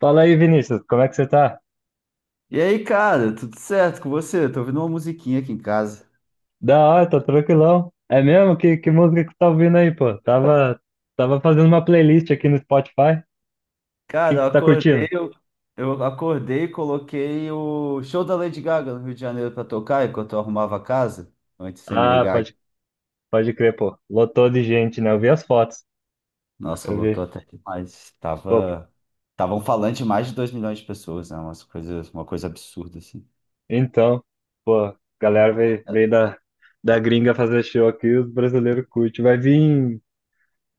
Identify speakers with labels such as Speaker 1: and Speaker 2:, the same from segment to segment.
Speaker 1: Fala aí, Vinícius, como é que você tá?
Speaker 2: E aí, cara, tudo certo com você? Tô ouvindo uma musiquinha aqui em casa.
Speaker 1: Da hora, tô tranquilão. É mesmo? Que música que você tá ouvindo aí, pô? Tava fazendo uma playlist aqui no Spotify. O que,
Speaker 2: Cara,
Speaker 1: que você tá curtindo?
Speaker 2: eu acordei e coloquei o show da Lady Gaga no Rio de Janeiro pra tocar enquanto eu arrumava a casa, antes de você me
Speaker 1: Ah,
Speaker 2: ligar.
Speaker 1: pode crer, pô. Lotou de gente, né? Eu vi as fotos.
Speaker 2: Nossa,
Speaker 1: Eu
Speaker 2: voltou
Speaker 1: vi.
Speaker 2: até demais.
Speaker 1: Pô,
Speaker 2: Tava um falante de mais de 2 milhões de pessoas, né? Uma coisa absurda, assim.
Speaker 1: então, pô, a galera veio da, gringa fazer show aqui, os brasileiros curtem. Vai vir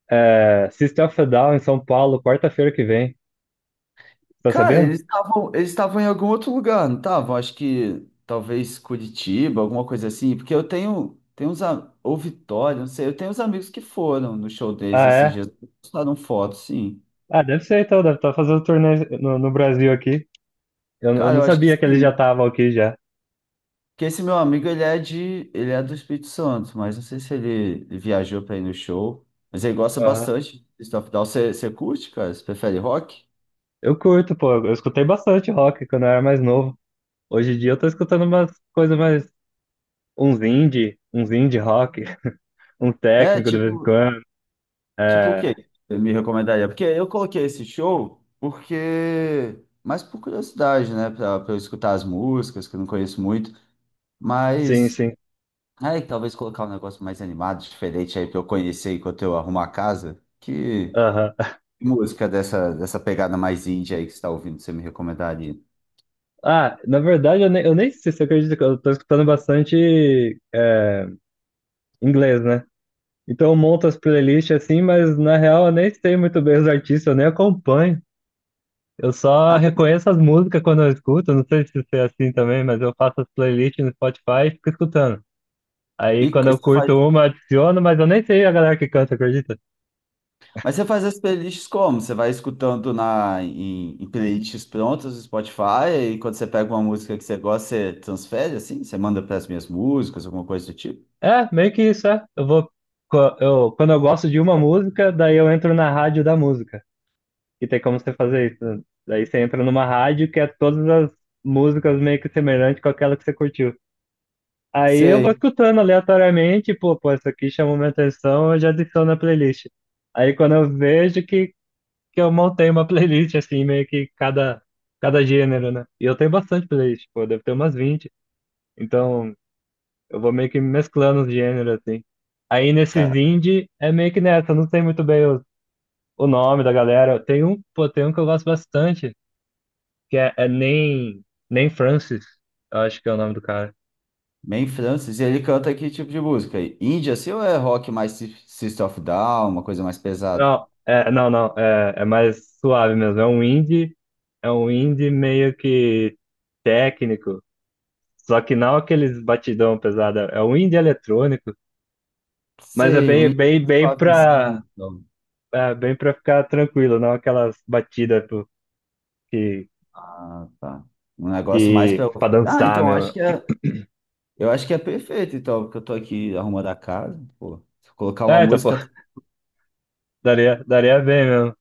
Speaker 1: System of a Down em São Paulo, quarta-feira que vem. Tá
Speaker 2: Cara,
Speaker 1: sabendo?
Speaker 2: eles estavam em algum outro lugar, não estavam? Acho que talvez Curitiba, alguma coisa assim, porque eu tenho uns, ou Vitória, não sei, eu tenho uns amigos que foram no show deles
Speaker 1: Ah,
Speaker 2: esses
Speaker 1: é?
Speaker 2: dias, postaram foto, sim.
Speaker 1: Ah, deve ser então, deve estar fazendo turnê no Brasil aqui. Eu
Speaker 2: Cara,
Speaker 1: não
Speaker 2: eu acho que
Speaker 1: sabia que eles já
Speaker 2: sim.
Speaker 1: estavam aqui já.
Speaker 2: Porque esse meu amigo, ele é do Espírito Santo, mas não sei se ele viajou pra ir no show, mas ele gosta
Speaker 1: Aham.
Speaker 2: bastante de Stuff Down. Você curte, cara? Você prefere rock?
Speaker 1: Eu curto, pô. Eu escutei bastante rock quando eu era mais novo. Hoje em dia eu tô escutando umas coisas mais. Uns indie rock, um
Speaker 2: É.
Speaker 1: técnico de vez em
Speaker 2: tipo,
Speaker 1: quando.
Speaker 2: Tipo o
Speaker 1: É,
Speaker 2: quê? Você me recomendaria? Porque eu coloquei esse show, porque... mais por curiosidade, né? Pra eu escutar as músicas, que eu não conheço muito.
Speaker 1: sim,
Speaker 2: Mas.
Speaker 1: sim.
Speaker 2: Aí, talvez colocar um negócio mais animado, diferente aí pra eu conhecer enquanto eu arrumo a casa. Que
Speaker 1: Aham.
Speaker 2: música dessa pegada mais indie aí que você tá ouvindo, você me recomendaria?
Speaker 1: Ah, na verdade, eu nem sei se você acredita que eu tô escutando bastante inglês, né? Então eu monto as playlists assim, mas na real eu nem sei muito bem os artistas, eu nem acompanho. Eu só
Speaker 2: Ah,
Speaker 1: reconheço as músicas quando eu escuto, não sei se você é assim também, mas eu faço as playlists no Spotify e fico escutando. Aí
Speaker 2: E
Speaker 1: quando eu
Speaker 2: você
Speaker 1: curto
Speaker 2: faz
Speaker 1: uma, eu adiciono, mas eu nem sei a galera que canta, acredita?
Speaker 2: mas você faz as playlists como? Você vai escutando em playlists prontas do Spotify e quando você pega uma música que você gosta, você transfere assim? Você manda para as minhas músicas, alguma coisa do tipo?
Speaker 1: É, meio que isso, é. Eu vou, co- eu, quando eu gosto de uma música, daí eu entro na rádio da música. E tem como você fazer isso, né? Daí você entra numa rádio que é todas as músicas meio que semelhantes com aquela que você curtiu. Aí eu vou
Speaker 2: Sei,
Speaker 1: escutando aleatoriamente, pô, isso aqui chamou minha atenção, eu já adiciono na playlist. Aí quando eu vejo que eu montei uma playlist, assim, meio que cada gênero, né? E eu tenho bastante playlist, pô, deve ter umas 20. Então, eu vou meio que mesclando os gêneros, assim. Aí, nesses
Speaker 2: cara.
Speaker 1: indie, é meio que nessa, eu não sei muito bem o nome da galera. Tem um, pô, tem um que eu gosto bastante, que é Nem Francis, eu acho que é o nome do cara.
Speaker 2: Main Francis, e ele canta que tipo de música aí? Indie assim ou é rock mais System of a Down, uma coisa mais pesada?
Speaker 1: Não, é, não, não, é mais suave mesmo, é um indie meio que técnico. Só que não aqueles batidão pesado, é um indie eletrônico, mas é
Speaker 2: Sei, um
Speaker 1: bem,
Speaker 2: indie
Speaker 1: bem,
Speaker 2: mais
Speaker 1: bem
Speaker 2: suavezinho,
Speaker 1: pra,
Speaker 2: então.
Speaker 1: é bem pra ficar tranquilo, não aquelas batidas pô, que,
Speaker 2: Ah, tá. Um negócio mais pra.
Speaker 1: pra
Speaker 2: Ah,
Speaker 1: dançar
Speaker 2: então acho
Speaker 1: mesmo.
Speaker 2: que é. Eu acho que é perfeito, então, porque eu tô aqui arrumando a casa, pô. Se eu colocar uma
Speaker 1: É, tá, pô,
Speaker 2: música.
Speaker 1: daria bem mesmo.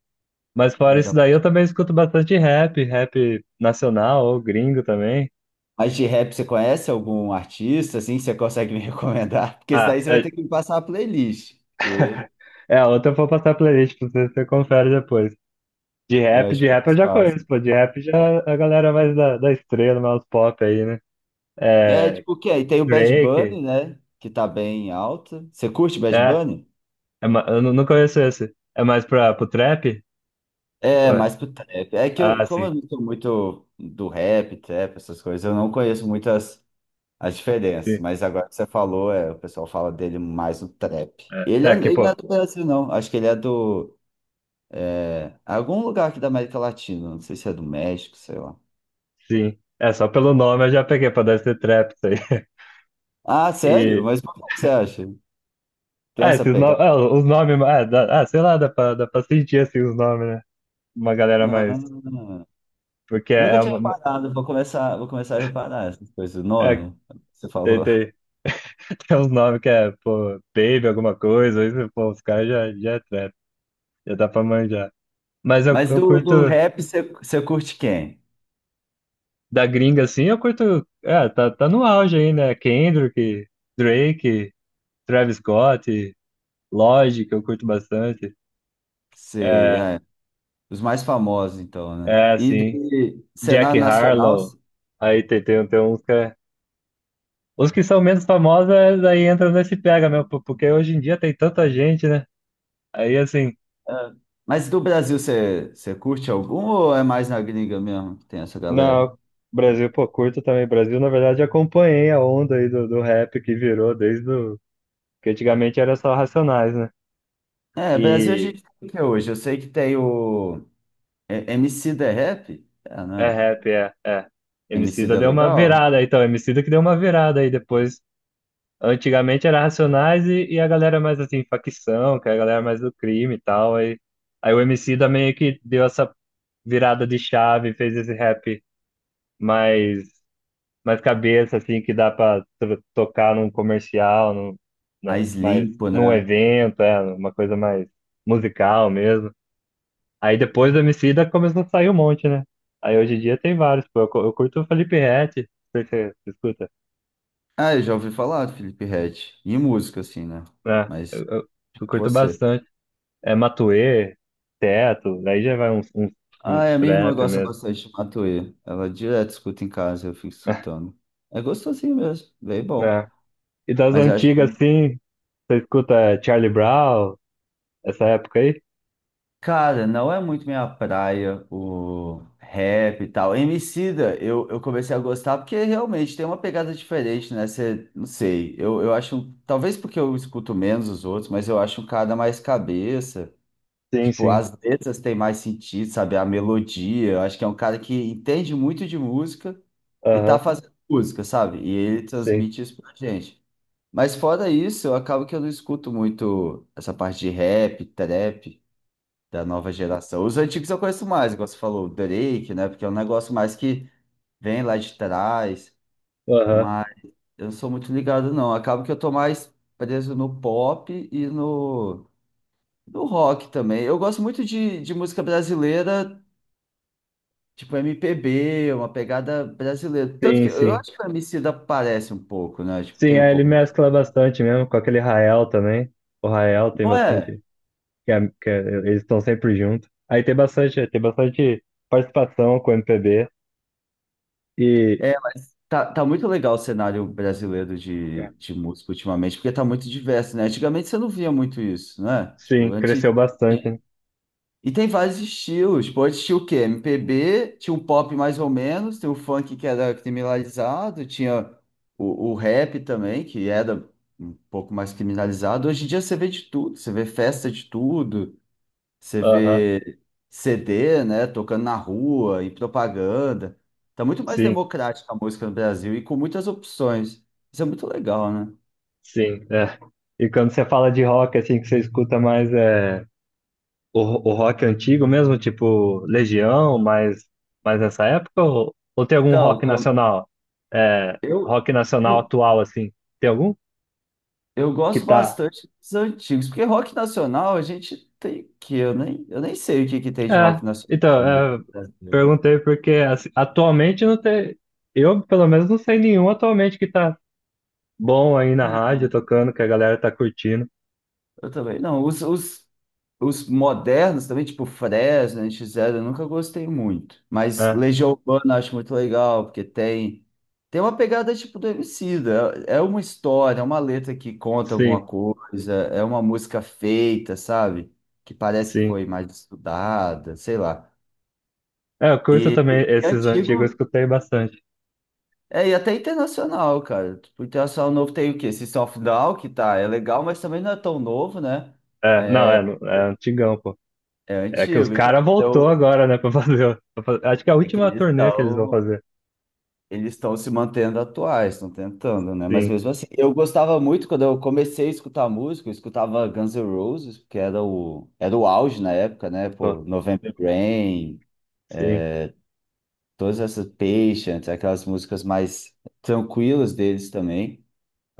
Speaker 1: Mas fora isso daí, eu também escuto bastante rap, rap nacional ou gringo também.
Speaker 2: Mas de rap, você conhece algum artista, assim, que você consegue me recomendar? Porque isso
Speaker 1: Ah,
Speaker 2: daí você vai
Speaker 1: é,
Speaker 2: ter que me passar a playlist, porque
Speaker 1: é outra eu vou passar a playlist pra você, você confere depois. De
Speaker 2: eu
Speaker 1: rap, de
Speaker 2: acho que é
Speaker 1: rap eu
Speaker 2: mais
Speaker 1: já conheço,
Speaker 2: fácil.
Speaker 1: pô. De rap já é a galera mais da, estrela, mais pop aí, né?
Speaker 2: É,
Speaker 1: É,
Speaker 2: tipo, o quê? E tem o Bad
Speaker 1: Drake,
Speaker 2: Bunny, né? Que tá bem alto. Você curte Bad
Speaker 1: é,
Speaker 2: Bunny?
Speaker 1: eu não conheço esse. É mais pra, pro trap?
Speaker 2: É,
Speaker 1: Ué,
Speaker 2: mais pro trap. É que eu,
Speaker 1: ah,
Speaker 2: como
Speaker 1: sim,
Speaker 2: eu não sou muito do rap, trap, essas coisas, eu não conheço muitas as diferenças.
Speaker 1: sim.
Speaker 2: Mas agora que você falou, é, o pessoal fala dele mais no trap.
Speaker 1: É,
Speaker 2: Ele, é,
Speaker 1: é que,
Speaker 2: ele não é
Speaker 1: pô,
Speaker 2: do Brasil, não. Acho que ele é do. Algum lugar aqui da América Latina. Não sei se é do México, sei lá.
Speaker 1: sim. É, só pelo nome eu já peguei pra dar esse trap, isso aí.
Speaker 2: Ah, sério?
Speaker 1: E,
Speaker 2: Mas por que você acha? Tem
Speaker 1: ah,
Speaker 2: essa
Speaker 1: esses nomes,
Speaker 2: pegada?
Speaker 1: ah, os nomes, ah, sei lá, dá pra sentir, assim, os nomes, né? Uma galera
Speaker 2: Ah,
Speaker 1: mais, porque
Speaker 2: eu
Speaker 1: é
Speaker 2: nunca
Speaker 1: é
Speaker 2: tinha
Speaker 1: uma,
Speaker 2: reparado, vou começar a reparar essas coisas, o
Speaker 1: é,
Speaker 2: nome, que você
Speaker 1: tem,
Speaker 2: falou.
Speaker 1: tem, tem uns nomes que é, pô, Baby, alguma coisa, isso, pô, os caras já é trap, já dá pra manjar. Mas eu,
Speaker 2: Mas
Speaker 1: eu
Speaker 2: do,
Speaker 1: curto,
Speaker 2: do rap, você curte quem?
Speaker 1: da gringa, assim, eu curto. É, tá no auge aí, né? Kendrick, Drake, Travis Scott, Lorde, que eu curto bastante.
Speaker 2: Sei,
Speaker 1: É,
Speaker 2: é, os mais famosos, então, né?
Speaker 1: é
Speaker 2: E,
Speaker 1: assim,
Speaker 2: e
Speaker 1: Jack
Speaker 2: cenário nacional,
Speaker 1: Harlow. Aí tem uns que. Os que são menos famosos, é, aí entram nesse pega, meu, porque hoje em dia tem tanta gente, né? Aí assim,
Speaker 2: é, mas do Brasil, você curte algum ou é mais na gringa mesmo que tem essa galera?
Speaker 1: não, Brasil, pô, curto também. Brasil, na verdade, acompanhei a onda aí do rap que virou desde o. Que antigamente era só Racionais, né?
Speaker 2: É, Brasil a
Speaker 1: E
Speaker 2: gente tem o que hoje? Eu sei que tem o MC da Rap, é,
Speaker 1: é
Speaker 2: né?
Speaker 1: rap, é, é.
Speaker 2: MC
Speaker 1: Emicida
Speaker 2: da
Speaker 1: deu uma
Speaker 2: Legal.
Speaker 1: virada, então, Emicida que deu uma virada aí depois. Antigamente era Racionais e a galera mais assim, facção, que é a galera mais do crime e tal. Aí o Emicida meio que deu essa virada de chave, fez esse rap mais, mais cabeça, assim, que dá pra tocar num comercial, num, na,
Speaker 2: Mais
Speaker 1: mais,
Speaker 2: limpo,
Speaker 1: num
Speaker 2: né?
Speaker 1: evento, é, uma coisa mais musical mesmo. Aí depois do Emicida começou a sair um monte, né? Aí hoje em dia tem vários, pô. Eu curto o Felipe Ret, você escuta,
Speaker 2: Ah, eu já ouvi falar do Felipe Ret. E música, assim, né?
Speaker 1: né? eu,
Speaker 2: Mas
Speaker 1: eu- eu curto
Speaker 2: você.
Speaker 1: bastante. É Matuê, Teto, aí já vai uns
Speaker 2: Ah, é, a minha irmã
Speaker 1: trap
Speaker 2: gosta
Speaker 1: mesmo,
Speaker 2: bastante de Matuê. Ela direto escuta em casa, eu fico escutando. É gostosinho mesmo, bem bom.
Speaker 1: né? E das
Speaker 2: Mas eu acho que,
Speaker 1: antigas, assim, você escuta Charlie Brown, essa época aí?
Speaker 2: cara, não é muito minha praia o rap e tal. Emicida, eu comecei a gostar porque realmente tem uma pegada diferente, né? Você, não sei, eu acho, talvez porque eu escuto menos os outros, mas eu acho um cara mais cabeça.
Speaker 1: Sim,
Speaker 2: Tipo,
Speaker 1: sim.
Speaker 2: as letras têm mais sentido, sabe? A melodia. Eu acho que é um cara que entende muito de música e tá
Speaker 1: Aham,
Speaker 2: fazendo música, sabe? E ele
Speaker 1: sim.
Speaker 2: transmite isso pra gente. Mas fora isso, eu acabo que eu não escuto muito essa parte de rap, trap da nova geração. Os antigos eu conheço mais, igual você falou, o Drake, né? Porque é um negócio mais que vem lá de trás.
Speaker 1: Aham,
Speaker 2: Mas eu não sou muito ligado, não. Acabo que eu tô mais preso no pop e no rock também. Eu gosto muito de música brasileira, tipo MPB, uma pegada brasileira. Tanto
Speaker 1: sim,
Speaker 2: que eu
Speaker 1: sim.
Speaker 2: acho que o Emicida parece um pouco, né? Tipo,
Speaker 1: Sim,
Speaker 2: tem um
Speaker 1: aí ele
Speaker 2: pouco da.
Speaker 1: mescla bastante mesmo, com aquele Rael também. O Rael tem
Speaker 2: Não é?
Speaker 1: bastante. que, é- que é- Eles estão sempre juntos. Aí tem bastante participação com o MPB e
Speaker 2: É, tá muito legal o cenário brasileiro de música ultimamente, porque tá muito diverso, né? Antigamente você não via muito isso, né? Tipo,
Speaker 1: sim,
Speaker 2: antes.
Speaker 1: cresceu bastante,
Speaker 2: tinha-
Speaker 1: né?
Speaker 2: E tem vários estilos. Tipo, antes tinha o quê? MPB, tinha um pop mais ou menos, tem o funk que era criminalizado, tinha o rap também, que era um pouco mais criminalizado. Hoje em dia você vê de tudo, você vê festa de tudo, você
Speaker 1: Aham,
Speaker 2: vê CD, né, tocando na rua e propaganda. Tá muito mais
Speaker 1: sim,
Speaker 2: democrática a música no Brasil e com muitas opções. Isso é muito legal, né?
Speaker 1: sim. É. E quando você fala de rock, assim, que você escuta mais o, o rock antigo mesmo, tipo Legião, mais nessa época, ou tem algum
Speaker 2: Então,
Speaker 1: rock nacional? É,
Speaker 2: eu,
Speaker 1: rock nacional
Speaker 2: eu,
Speaker 1: atual, assim, tem algum
Speaker 2: eu
Speaker 1: que
Speaker 2: gosto
Speaker 1: tá.
Speaker 2: bastante dos antigos, porque rock nacional a gente tem que eu nem sei o que que tem de
Speaker 1: É,
Speaker 2: rock nacional muito
Speaker 1: então, é,
Speaker 2: no Brasil.
Speaker 1: perguntei porque assim, atualmente não tem. Eu, pelo menos, não sei nenhum atualmente que tá bom aí na rádio,
Speaker 2: Ah,
Speaker 1: tocando, que a galera tá curtindo.
Speaker 2: eu também não. Os modernos também, tipo Fresno, NX Zero, eu nunca gostei muito. Mas
Speaker 1: É,
Speaker 2: Legião Urbana eu acho muito legal, porque tem uma pegada tipo do Emicida. É uma história, é uma letra que conta alguma
Speaker 1: sim,
Speaker 2: coisa, é uma música feita, sabe? Que parece que
Speaker 1: sim.
Speaker 2: foi mais estudada, sei lá.
Speaker 1: É, eu curto
Speaker 2: E,
Speaker 1: também
Speaker 2: e- e
Speaker 1: esses antigos, eu
Speaker 2: antigo,
Speaker 1: escutei bastante.
Speaker 2: e até internacional, cara. Tipo, internacional novo tem o quê? System of a Down, que tá, é legal, mas também não é tão novo, né?
Speaker 1: É, não, é, é antigão, pô.
Speaker 2: É
Speaker 1: É que os
Speaker 2: antigo. Então,
Speaker 1: caras
Speaker 2: quando
Speaker 1: voltou
Speaker 2: eu.
Speaker 1: agora, né, pra fazer. Acho que é a
Speaker 2: É que
Speaker 1: última
Speaker 2: eles
Speaker 1: turnê que eles vão
Speaker 2: estão.
Speaker 1: fazer.
Speaker 2: Eles estão se mantendo atuais, estão tentando, né? Mas
Speaker 1: Sim,
Speaker 2: mesmo assim, eu gostava muito quando eu comecei a escutar música, eu escutava Guns N' Roses, que era o auge na época, né?
Speaker 1: pô,
Speaker 2: Pô, November Rain,
Speaker 1: sim.
Speaker 2: todas essas Patience, aquelas músicas mais tranquilas deles também.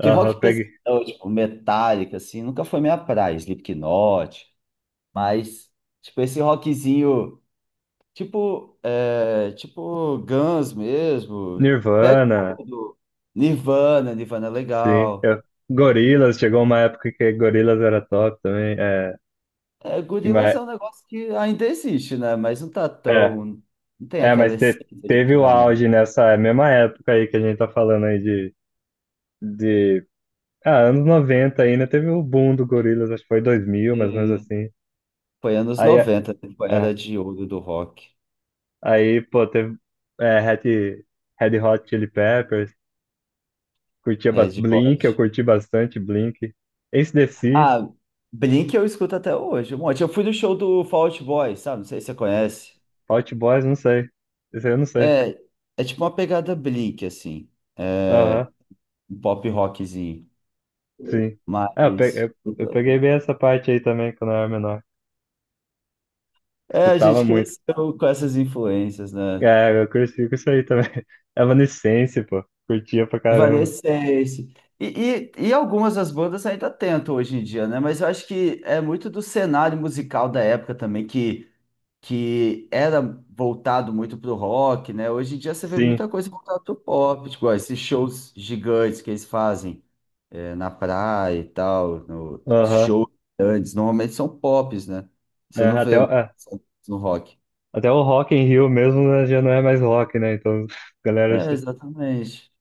Speaker 2: Que rock
Speaker 1: peguei.
Speaker 2: pesadão, tipo Metallica, assim, nunca foi minha praia, Slipknot, mas, tipo, esse rockzinho. Tipo Guns mesmo. Pega um
Speaker 1: Nirvana,
Speaker 2: pouco do Nirvana. Nirvana é
Speaker 1: sim.
Speaker 2: legal.
Speaker 1: Gorillaz, chegou uma época que Gorillaz era top também.
Speaker 2: É,
Speaker 1: Que
Speaker 2: Gorillaz
Speaker 1: mais,
Speaker 2: é um negócio que ainda existe, né? Mas não tá
Speaker 1: é,
Speaker 2: tão. Não tem aquela
Speaker 1: mas te-
Speaker 2: essência de
Speaker 1: teve o
Speaker 2: antigamente.
Speaker 1: auge nessa mesma época aí que a gente tá falando aí de anos 90 ainda, teve o boom do Gorillaz, acho que foi 2000, mais ou menos
Speaker 2: E
Speaker 1: assim.
Speaker 2: foi anos
Speaker 1: Aí,
Speaker 2: 90,
Speaker 1: é,
Speaker 2: temporada de ouro do rock.
Speaker 1: aí pô, teve é, Red, Red Hot Chili Peppers, curtia
Speaker 2: Red
Speaker 1: Blink, eu
Speaker 2: Hot.
Speaker 1: curti bastante Blink. AC/DC,
Speaker 2: Ah, Blink eu escuto até hoje. Um monte. Eu fui no show do Fall Out Boy, sabe? Não sei se você conhece.
Speaker 1: Hot Boys, não sei. Esse aí eu não sei.
Speaker 2: É, é tipo uma pegada Blink, assim.
Speaker 1: Aham,
Speaker 2: É, um pop rockzinho.
Speaker 1: sim. É, eu pe-
Speaker 2: Mas
Speaker 1: eu- eu peguei bem essa parte aí também quando eu era menor.
Speaker 2: é, a
Speaker 1: Escutava
Speaker 2: gente
Speaker 1: muito.
Speaker 2: cresceu com essas influências, né?
Speaker 1: É, eu cresci com isso aí também. Evanescence, pô. Curtia pra caramba.
Speaker 2: Evanescence. E algumas das bandas ainda tentam hoje em dia, né? Mas eu acho que é muito do cenário musical da época também, que era voltado muito pro rock, né? Hoje em dia você vê muita
Speaker 1: Sim,
Speaker 2: coisa voltada pro pop, tipo, ó, esses shows gigantes que eles fazem, na praia e tal, no
Speaker 1: aham.
Speaker 2: shows grandes, normalmente são pops, né? Você
Speaker 1: É,
Speaker 2: não
Speaker 1: até, o-
Speaker 2: vê
Speaker 1: é,
Speaker 2: no rock.
Speaker 1: até o Rock in Rio mesmo, né, já não é mais rock, né? Então, galera.
Speaker 2: É, exatamente.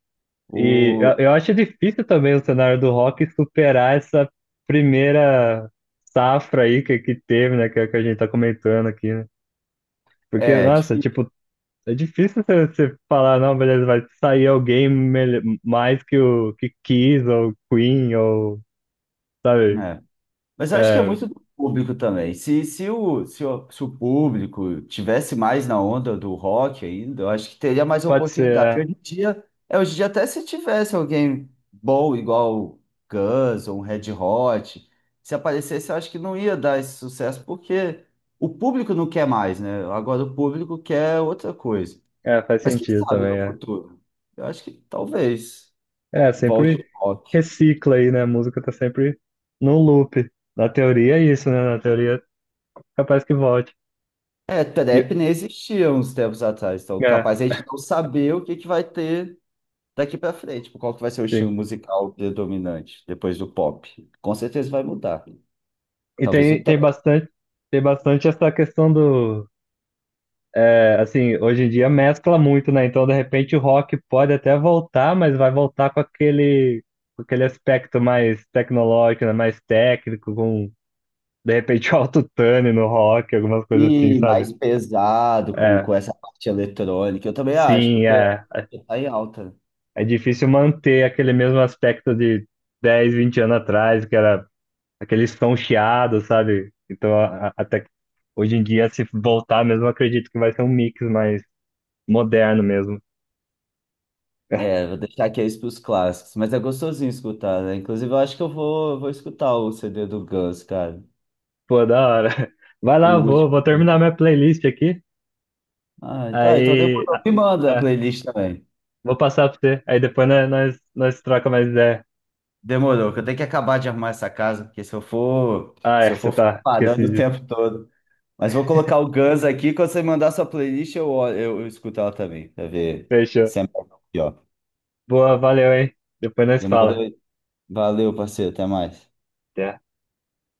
Speaker 1: E eu,
Speaker 2: O.
Speaker 1: eu acho difícil também o cenário do rock superar essa primeira safra aí que teve, né? Que a gente tá comentando aqui, né? Porque,
Speaker 2: É,
Speaker 1: nossa,
Speaker 2: difí-
Speaker 1: tipo, é difícil você falar, não, beleza, vai sair alguém mais que o que Kiss ou Queen ou, sabe?
Speaker 2: é. Mas eu acho que é
Speaker 1: É,
Speaker 2: muito do público também. Se o público tivesse mais na onda do rock ainda, eu acho que teria mais
Speaker 1: pode ser,
Speaker 2: oportunidade.
Speaker 1: é.
Speaker 2: Hoje em dia até se tivesse alguém bom, igual Guns ou um Red Hot, se aparecesse, eu acho que não ia dar esse sucesso, porque o público não quer mais, né? Agora o público quer outra coisa.
Speaker 1: É, faz
Speaker 2: Mas quem
Speaker 1: sentido
Speaker 2: sabe no
Speaker 1: também, é.
Speaker 2: futuro? Eu acho que talvez.
Speaker 1: É,
Speaker 2: Volte
Speaker 1: sempre
Speaker 2: o rock.
Speaker 1: recicla aí, né? A música tá sempre no loop. Na teoria é isso, né? Na teoria, capaz que volte.
Speaker 2: É,
Speaker 1: E-
Speaker 2: trap nem existia uns tempos atrás, então
Speaker 1: é,
Speaker 2: capaz a gente não saber o que que vai ter daqui pra frente, tipo, qual que vai ser o estilo
Speaker 1: sim.
Speaker 2: musical predominante depois do pop. Com certeza vai mudar.
Speaker 1: E
Speaker 2: Talvez o
Speaker 1: tem, tem
Speaker 2: trap.
Speaker 1: bastante, tem bastante essa questão do. Assim, hoje em dia mescla muito, né? Então, de repente, o rock pode até voltar, mas vai voltar com aquele, aspecto mais tecnológico, né? Mais técnico, com, de repente, autotune no rock, algumas coisas assim,
Speaker 2: E
Speaker 1: sabe?
Speaker 2: mais pesado, com,
Speaker 1: É.
Speaker 2: com essa parte eletrônica, eu também acho,
Speaker 1: Sim,
Speaker 2: porque
Speaker 1: é, é
Speaker 2: tá em alta.
Speaker 1: é difícil manter aquele mesmo aspecto de 10 20 anos atrás, que era aquele som chiado, sabe? Então, até que hoje em dia, se voltar mesmo, eu acredito que vai ser um mix mais moderno mesmo.
Speaker 2: É, vou deixar aqui isso pros clássicos, mas é gostosinho escutar, né? Inclusive, eu acho que eu vou escutar o CD do Guns, cara.
Speaker 1: Pô, da hora. Vai
Speaker 2: O
Speaker 1: lá, vou,
Speaker 2: último
Speaker 1: vou terminar
Speaker 2: dele.
Speaker 1: minha playlist aqui,
Speaker 2: Ah, tá, então
Speaker 1: aí
Speaker 2: demorou. Me manda a
Speaker 1: é,
Speaker 2: playlist também.
Speaker 1: vou passar pra você, aí depois nós troca mais ideia.
Speaker 2: Demorou, que eu tenho que acabar de arrumar essa casa, porque se eu for,
Speaker 1: Ah,
Speaker 2: se
Speaker 1: é,
Speaker 2: eu
Speaker 1: você
Speaker 2: for ficar
Speaker 1: tá,
Speaker 2: parando
Speaker 1: esqueci
Speaker 2: o
Speaker 1: disso.
Speaker 2: tempo todo. Mas vou colocar o Guns aqui, quando você mandar sua playlist, eu escuto ela também, pra ver
Speaker 1: Fechou.
Speaker 2: se é melhor ou pior.
Speaker 1: Boa, valeu, hein? Depois nós
Speaker 2: Demorou?
Speaker 1: fala.
Speaker 2: Valeu, parceiro, até mais.
Speaker 1: Até.